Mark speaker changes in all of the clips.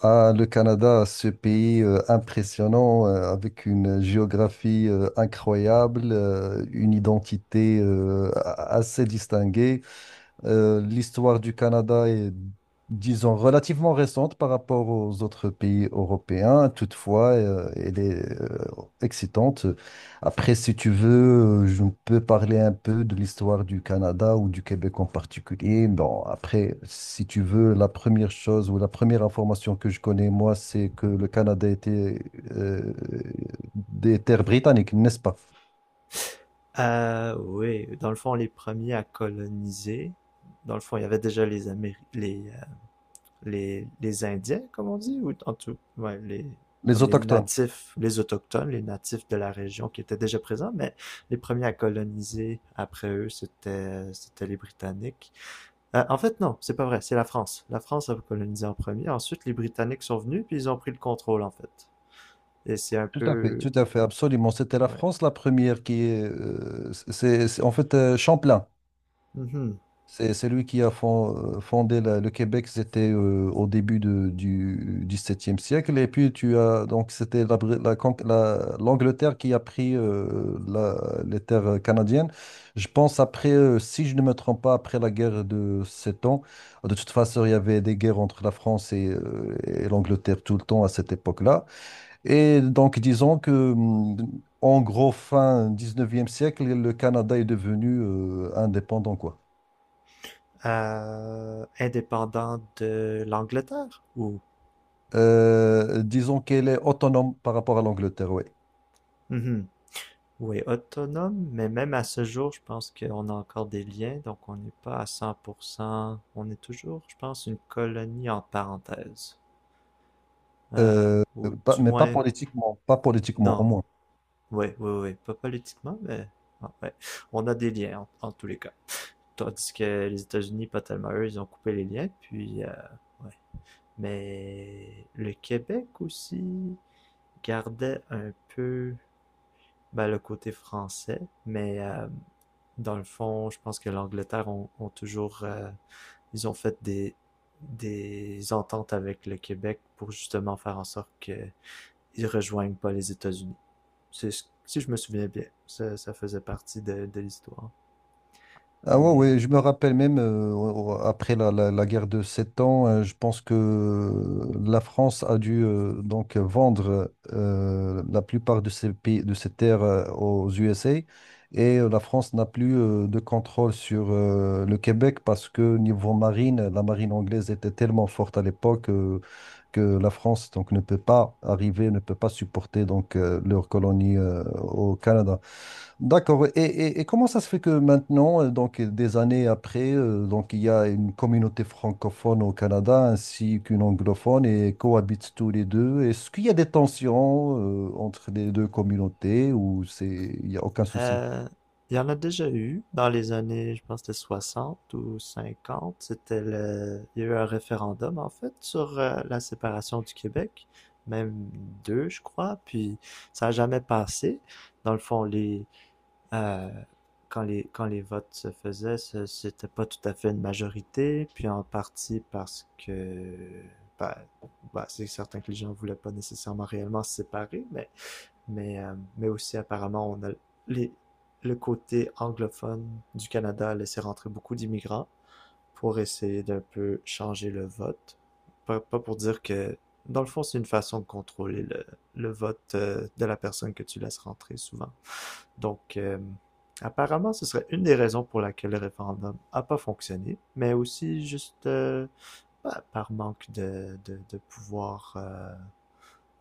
Speaker 1: Ah, le Canada, ce pays impressionnant, avec une géographie incroyable, une identité assez distinguée. L'histoire du Canada est, disons, relativement récente par rapport aux autres pays européens. Toutefois, elle est excitante. Après, si tu veux, je peux parler un peu de l'histoire du Canada ou du Québec en particulier. Bon, après, si tu veux, la première chose ou la première information que je connais, moi, c'est que le Canada était euh, des terres britanniques, n'est-ce pas?
Speaker 2: Oui, dans le fond, les premiers à coloniser, dans le fond, il y avait déjà les Indiens, comme on dit, ou en tout, ouais, les,
Speaker 1: Les
Speaker 2: comme les
Speaker 1: autochtones.
Speaker 2: natifs, les autochtones, les natifs de la région qui étaient déjà présents, mais les premiers à coloniser après eux, c'était les Britanniques. En fait, non, c'est pas vrai, c'est la France. La France a colonisé en premier, ensuite les Britanniques sont venus, puis ils ont pris le contrôle, en fait. Et c'est un peu...
Speaker 1: Tout à fait, absolument. C'était la
Speaker 2: Ouais.
Speaker 1: France la première qui est, en fait Champlain.
Speaker 2: Mhm.
Speaker 1: C'est lui qui a fondé le Québec. C'était au début du XVIIe siècle. Et puis tu as donc c'était la, Bri- la con- la- l'Angleterre qui a pris les terres canadiennes. Je pense après, si je ne me trompe pas, après la guerre de Sept Ans. De toute façon, il y avait des guerres entre la France et l'Angleterre tout le temps à cette époque-là. Et donc, disons que, en gros, fin 19e siècle, le Canada est devenu indépendant, quoi.
Speaker 2: Indépendant de l'Angleterre ou,
Speaker 1: Disons qu'elle est autonome par rapport à l'Angleterre, oui.
Speaker 2: mhm, ou est autonome, mais même à ce jour, je pense qu'on a encore des liens, donc on n'est pas à cent pour cent, on est toujours, je pense, une colonie en parenthèse. Euh,
Speaker 1: Euh,
Speaker 2: ou du
Speaker 1: mais pas
Speaker 2: moins,
Speaker 1: politiquement, pas politiquement, au
Speaker 2: non,
Speaker 1: moins.
Speaker 2: oui, oui, oui, pas politiquement, mais ah, ouais, on a des liens en tous les cas. Tandis que les États-Unis, pas tellement eux, ils ont coupé les liens, puis, ouais. Mais le Québec aussi gardait un peu, ben, le côté français, dans le fond, je pense que l'Angleterre ont toujours, ils ont fait des ententes avec le Québec pour justement faire en sorte qu'ils ne rejoignent pas les États-Unis. C'est, si je me souviens bien, ça faisait partie de l'histoire.
Speaker 1: Ah, ouais,
Speaker 2: Mais
Speaker 1: ouais, je me rappelle même après la guerre de Sept Ans, je pense que la France a dû donc vendre la plupart de ses pays, de ses terres aux USA et la France n'a plus de contrôle sur le Québec parce que niveau marine, la marine anglaise était tellement forte à l'époque que la France donc ne peut pas arriver, ne peut pas supporter donc leur colonie au Canada. D'accord. Et comment ça se fait que maintenant, donc des années après, donc il y a une communauté francophone au Canada ainsi qu'une anglophone et cohabitent tous les deux. Est-ce qu'il y a des tensions entre les deux communautés ou c'est il n'y a aucun souci?
Speaker 2: Euh, il y en a déjà eu dans les années, je pense que c'était 60 ou 50. C'était le... Il y a eu un référendum, en fait, sur la séparation du Québec, même deux, je crois, puis ça n'a jamais passé. Dans le fond, euh, quand les votes se faisaient, c'était pas tout à fait une majorité, puis en partie parce que... ben, ben, c'est certain que les gens voulaient pas nécessairement réellement se séparer, mais mais aussi apparemment, on a les, le côté anglophone du Canada a laissé rentrer beaucoup d'immigrants pour essayer d'un peu changer le vote. Pas pour dire que, dans le fond, c'est une façon de contrôler le vote de la personne que tu laisses rentrer souvent. Donc, apparemment, ce serait une des raisons pour laquelle le référendum n'a pas fonctionné, mais aussi juste par manque de pouvoir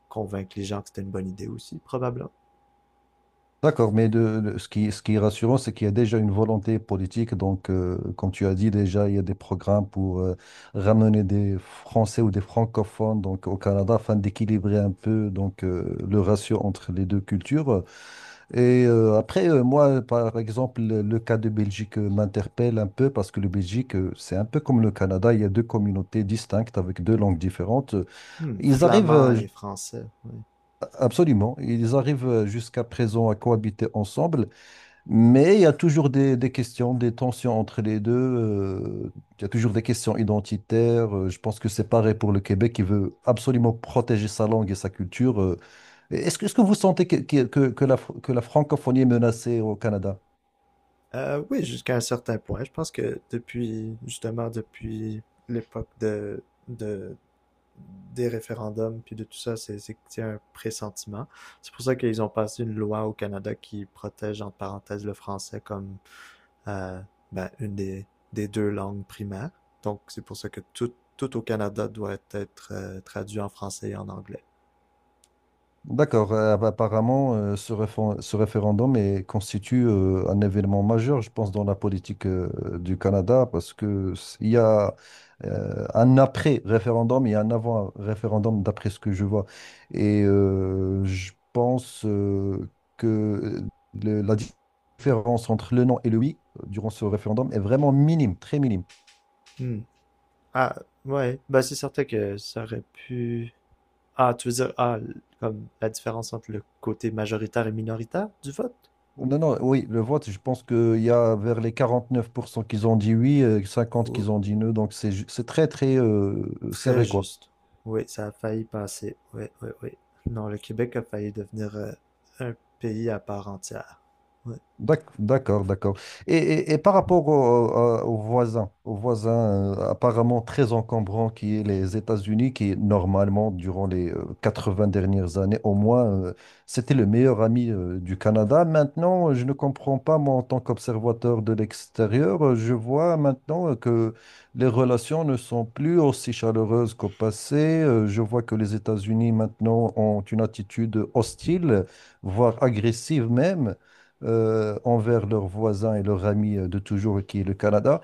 Speaker 2: convaincre les gens que c'était une bonne idée aussi, probablement.
Speaker 1: D'accord, mais ce qui est rassurant, c'est qu'il y a déjà une volonté politique. Donc, comme tu as dit, déjà, il y a des programmes pour ramener des Français ou des francophones donc, au Canada afin d'équilibrer un peu donc, le ratio entre les deux cultures. Et après, moi, par exemple, le cas de Belgique m'interpelle un peu parce que le Belgique, c'est un peu comme le Canada, il y a deux communautés distinctes avec deux langues différentes.
Speaker 2: Hmm,
Speaker 1: Ils arrivent,
Speaker 2: flamand
Speaker 1: euh,
Speaker 2: et
Speaker 1: j-
Speaker 2: français. Oui.
Speaker 1: Absolument, ils arrivent jusqu'à présent à cohabiter ensemble, mais il y a toujours des questions, des tensions entre les deux. Il y a toujours des questions identitaires. Je pense que c'est pareil pour le Québec qui veut absolument protéger sa langue et sa culture. Est-ce que vous sentez que la francophonie est menacée au Canada?
Speaker 2: Oui, jusqu'à un certain point. Je pense que depuis, justement, depuis l'époque de, des référendums, puis de tout ça, c'est que c'est un pressentiment. C'est pour ça qu'ils ont passé une loi au Canada qui protège, entre parenthèses, le français comme euh, une des deux langues primaires. Donc, c'est pour ça que tout au Canada doit être traduit en français et en anglais.
Speaker 1: D'accord. Apparemment, ce référendum constitue un événement majeur, je pense, dans la politique du Canada, parce que il y a un après-référendum et un avant-référendum, d'après ce que je vois. Et je pense que le- la di- différence entre le non et le oui durant ce référendum est vraiment minime, très minime.
Speaker 2: Hmm. Ah, ouais. Ben, c'est certain que ça aurait pu... Ah, tu veux dire, ah, comme la différence entre le côté majoritaire et minoritaire du vote?
Speaker 1: Non, non, oui, le vote, je pense qu'il y a vers les 49% qu'ils ont dit oui, 50
Speaker 2: Oh,
Speaker 1: qu'ils ont dit non, donc c'est c'est très, très
Speaker 2: très
Speaker 1: serré, quoi.
Speaker 2: juste. Oui, ça a failli passer. Oui, oui, oui. Non, le Québec a failli devenir un pays à part entière. Oui.
Speaker 1: D'accord, d'accord. Et par rapport aux voisins apparemment très encombrants qui est les États-Unis, qui normalement, durant les 80 dernières années au moins, c'était le meilleur ami du Canada. Maintenant, je ne comprends pas, moi, en tant qu'observateur de l'extérieur, je vois maintenant que les relations ne sont plus aussi chaleureuses qu'au passé. Je vois que les États-Unis maintenant ont une attitude hostile, voire agressive même envers leurs voisins et leurs amis de toujours, qui est le Canada.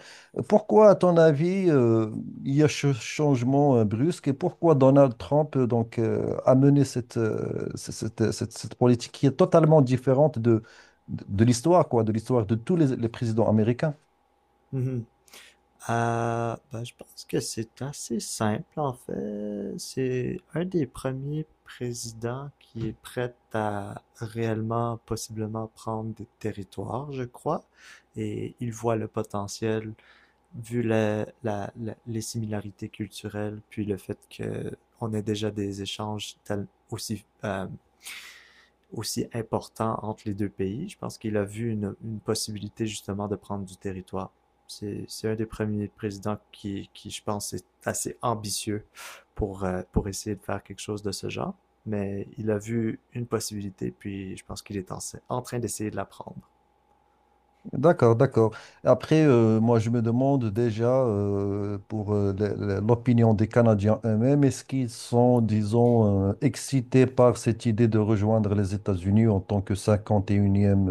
Speaker 1: Pourquoi, à ton avis, il y a ce changement brusque et pourquoi Donald Trump donc, a mené cette, c- cette, cette- cette politique qui est totalement différente de, de l'histoire, quoi, de l'histoire de tous les présidents américains?
Speaker 2: Mhm. Ah, ben, je pense que c'est assez simple, en fait. C'est un des premiers présidents qui est prêt à réellement, possiblement prendre des territoires, je crois. Et il voit le potentiel vu les similarités culturelles, puis le fait que on a déjà des échanges aussi importants entre les deux pays, je pense qu'il a vu une possibilité justement de prendre du territoire. C'est un des premiers présidents qui, je pense, est assez ambitieux pour essayer de faire quelque chose de ce genre. Mais il a vu une possibilité, puis je pense qu'il est en train d'essayer de la prendre.
Speaker 1: D'accord, d'accord. Après, moi, je me demande déjà pour l'opinion des Canadiens eux-mêmes, est-ce qu'ils sont, disons, excités par cette idée de rejoindre les États-Unis en tant que 51e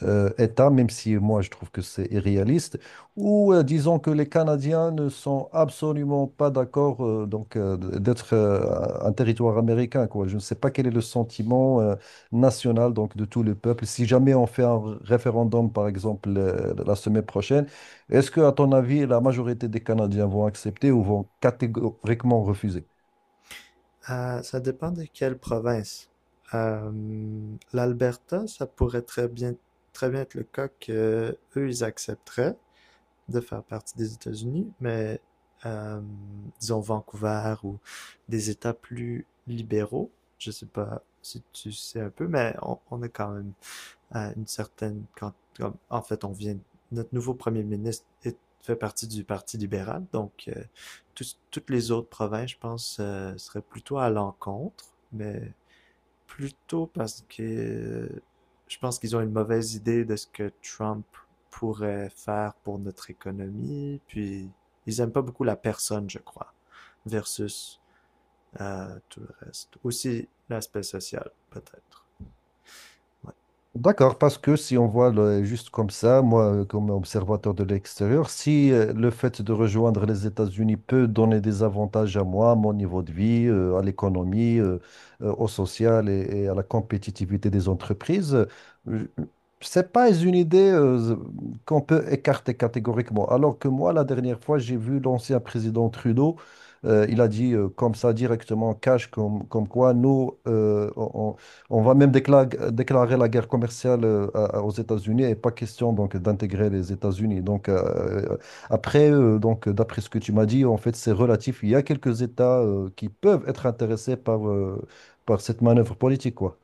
Speaker 1: État, même si moi je trouve que c'est irréaliste, ou disons que les Canadiens ne sont absolument pas d'accord donc d'être un territoire américain, quoi. Je ne sais pas quel est le sentiment national donc de tout le peuple. Si jamais on fait un référendum, par exemple, la semaine prochaine, est-ce que, à ton avis, la majorité des Canadiens vont accepter ou vont catégoriquement refuser?
Speaker 2: Ah, ça dépend de quelle province. L'Alberta, ça pourrait très bien être le cas que eux, ils accepteraient de faire partie des États-Unis, mais euh, disons Vancouver ou des États plus libéraux. Je sais pas si tu sais un peu, mais on est quand même à une certaine quand comme, en fait on vient, notre nouveau premier ministre est, fait partie du Parti libéral, donc toutes les autres provinces, je pense, seraient plutôt à l'encontre, mais plutôt parce que je pense qu'ils ont une mauvaise idée de ce que Trump pourrait faire pour notre économie, puis ils aiment pas beaucoup la personne, je crois, versus tout le reste. Aussi l'aspect social, peut-être. Ouais.
Speaker 1: D'accord, parce que si on voit juste comme ça, moi, comme observateur de l'extérieur, si le fait de rejoindre les États-Unis peut donner des avantages à moi, à mon niveau de vie, à l'économie, au social et à la compétitivité des entreprises, je- c'est pas une idée qu'on peut écarter catégoriquement. Alors que moi, la dernière fois, j'ai vu l'ancien président Trudeau, il a dit comme ça directement, cash, comme quoi nous, on va même déclarer la guerre commerciale aux États-Unis et pas question donc d'intégrer les États-Unis. Donc après, donc d'après ce que tu m'as dit, en fait, c'est relatif. Il y a quelques États qui peuvent être intéressés par par cette manœuvre politique, quoi.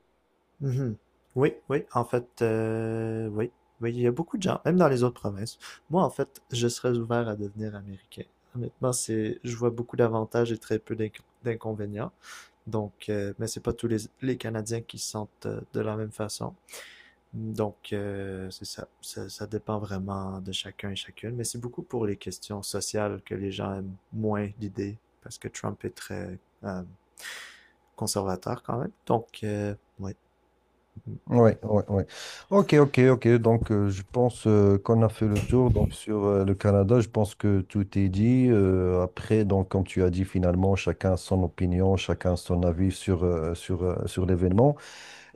Speaker 2: Mhm. Oui, oui, en fait, oui, oui, il y a beaucoup de gens, même dans les autres provinces. Moi, en fait, je serais ouvert à devenir américain. Honnêtement, c'est, je vois beaucoup d'avantages et très peu d'inconvénients. Donc, mais c'est pas tous les Canadiens qui se sentent de la même façon. Donc, c'est ça. Ça dépend vraiment de chacun et chacune. Mais c'est beaucoup pour les questions sociales que les gens aiment moins l'idée, parce que Trump est très euh, conservateur quand même. Donc, oui.
Speaker 1: Ouais, ouais, ouais. Ok, ok, ok. Donc je pense qu'on a fait le tour. Donc sur le Canada, je pense que tout est dit. Après, donc comme tu as dit, finalement, chacun son opinion, chacun son avis sur l'événement.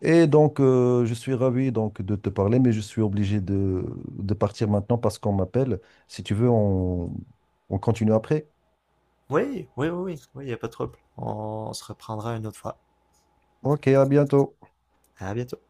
Speaker 1: Et donc, je suis ravi donc de te parler, mais je suis obligé de partir maintenant parce qu'on m'appelle. Si tu veux, on continue après.
Speaker 2: Oui, il n'y a pas de trouble. On se reprendra une autre fois.
Speaker 1: Ok, à bientôt.
Speaker 2: À bientôt.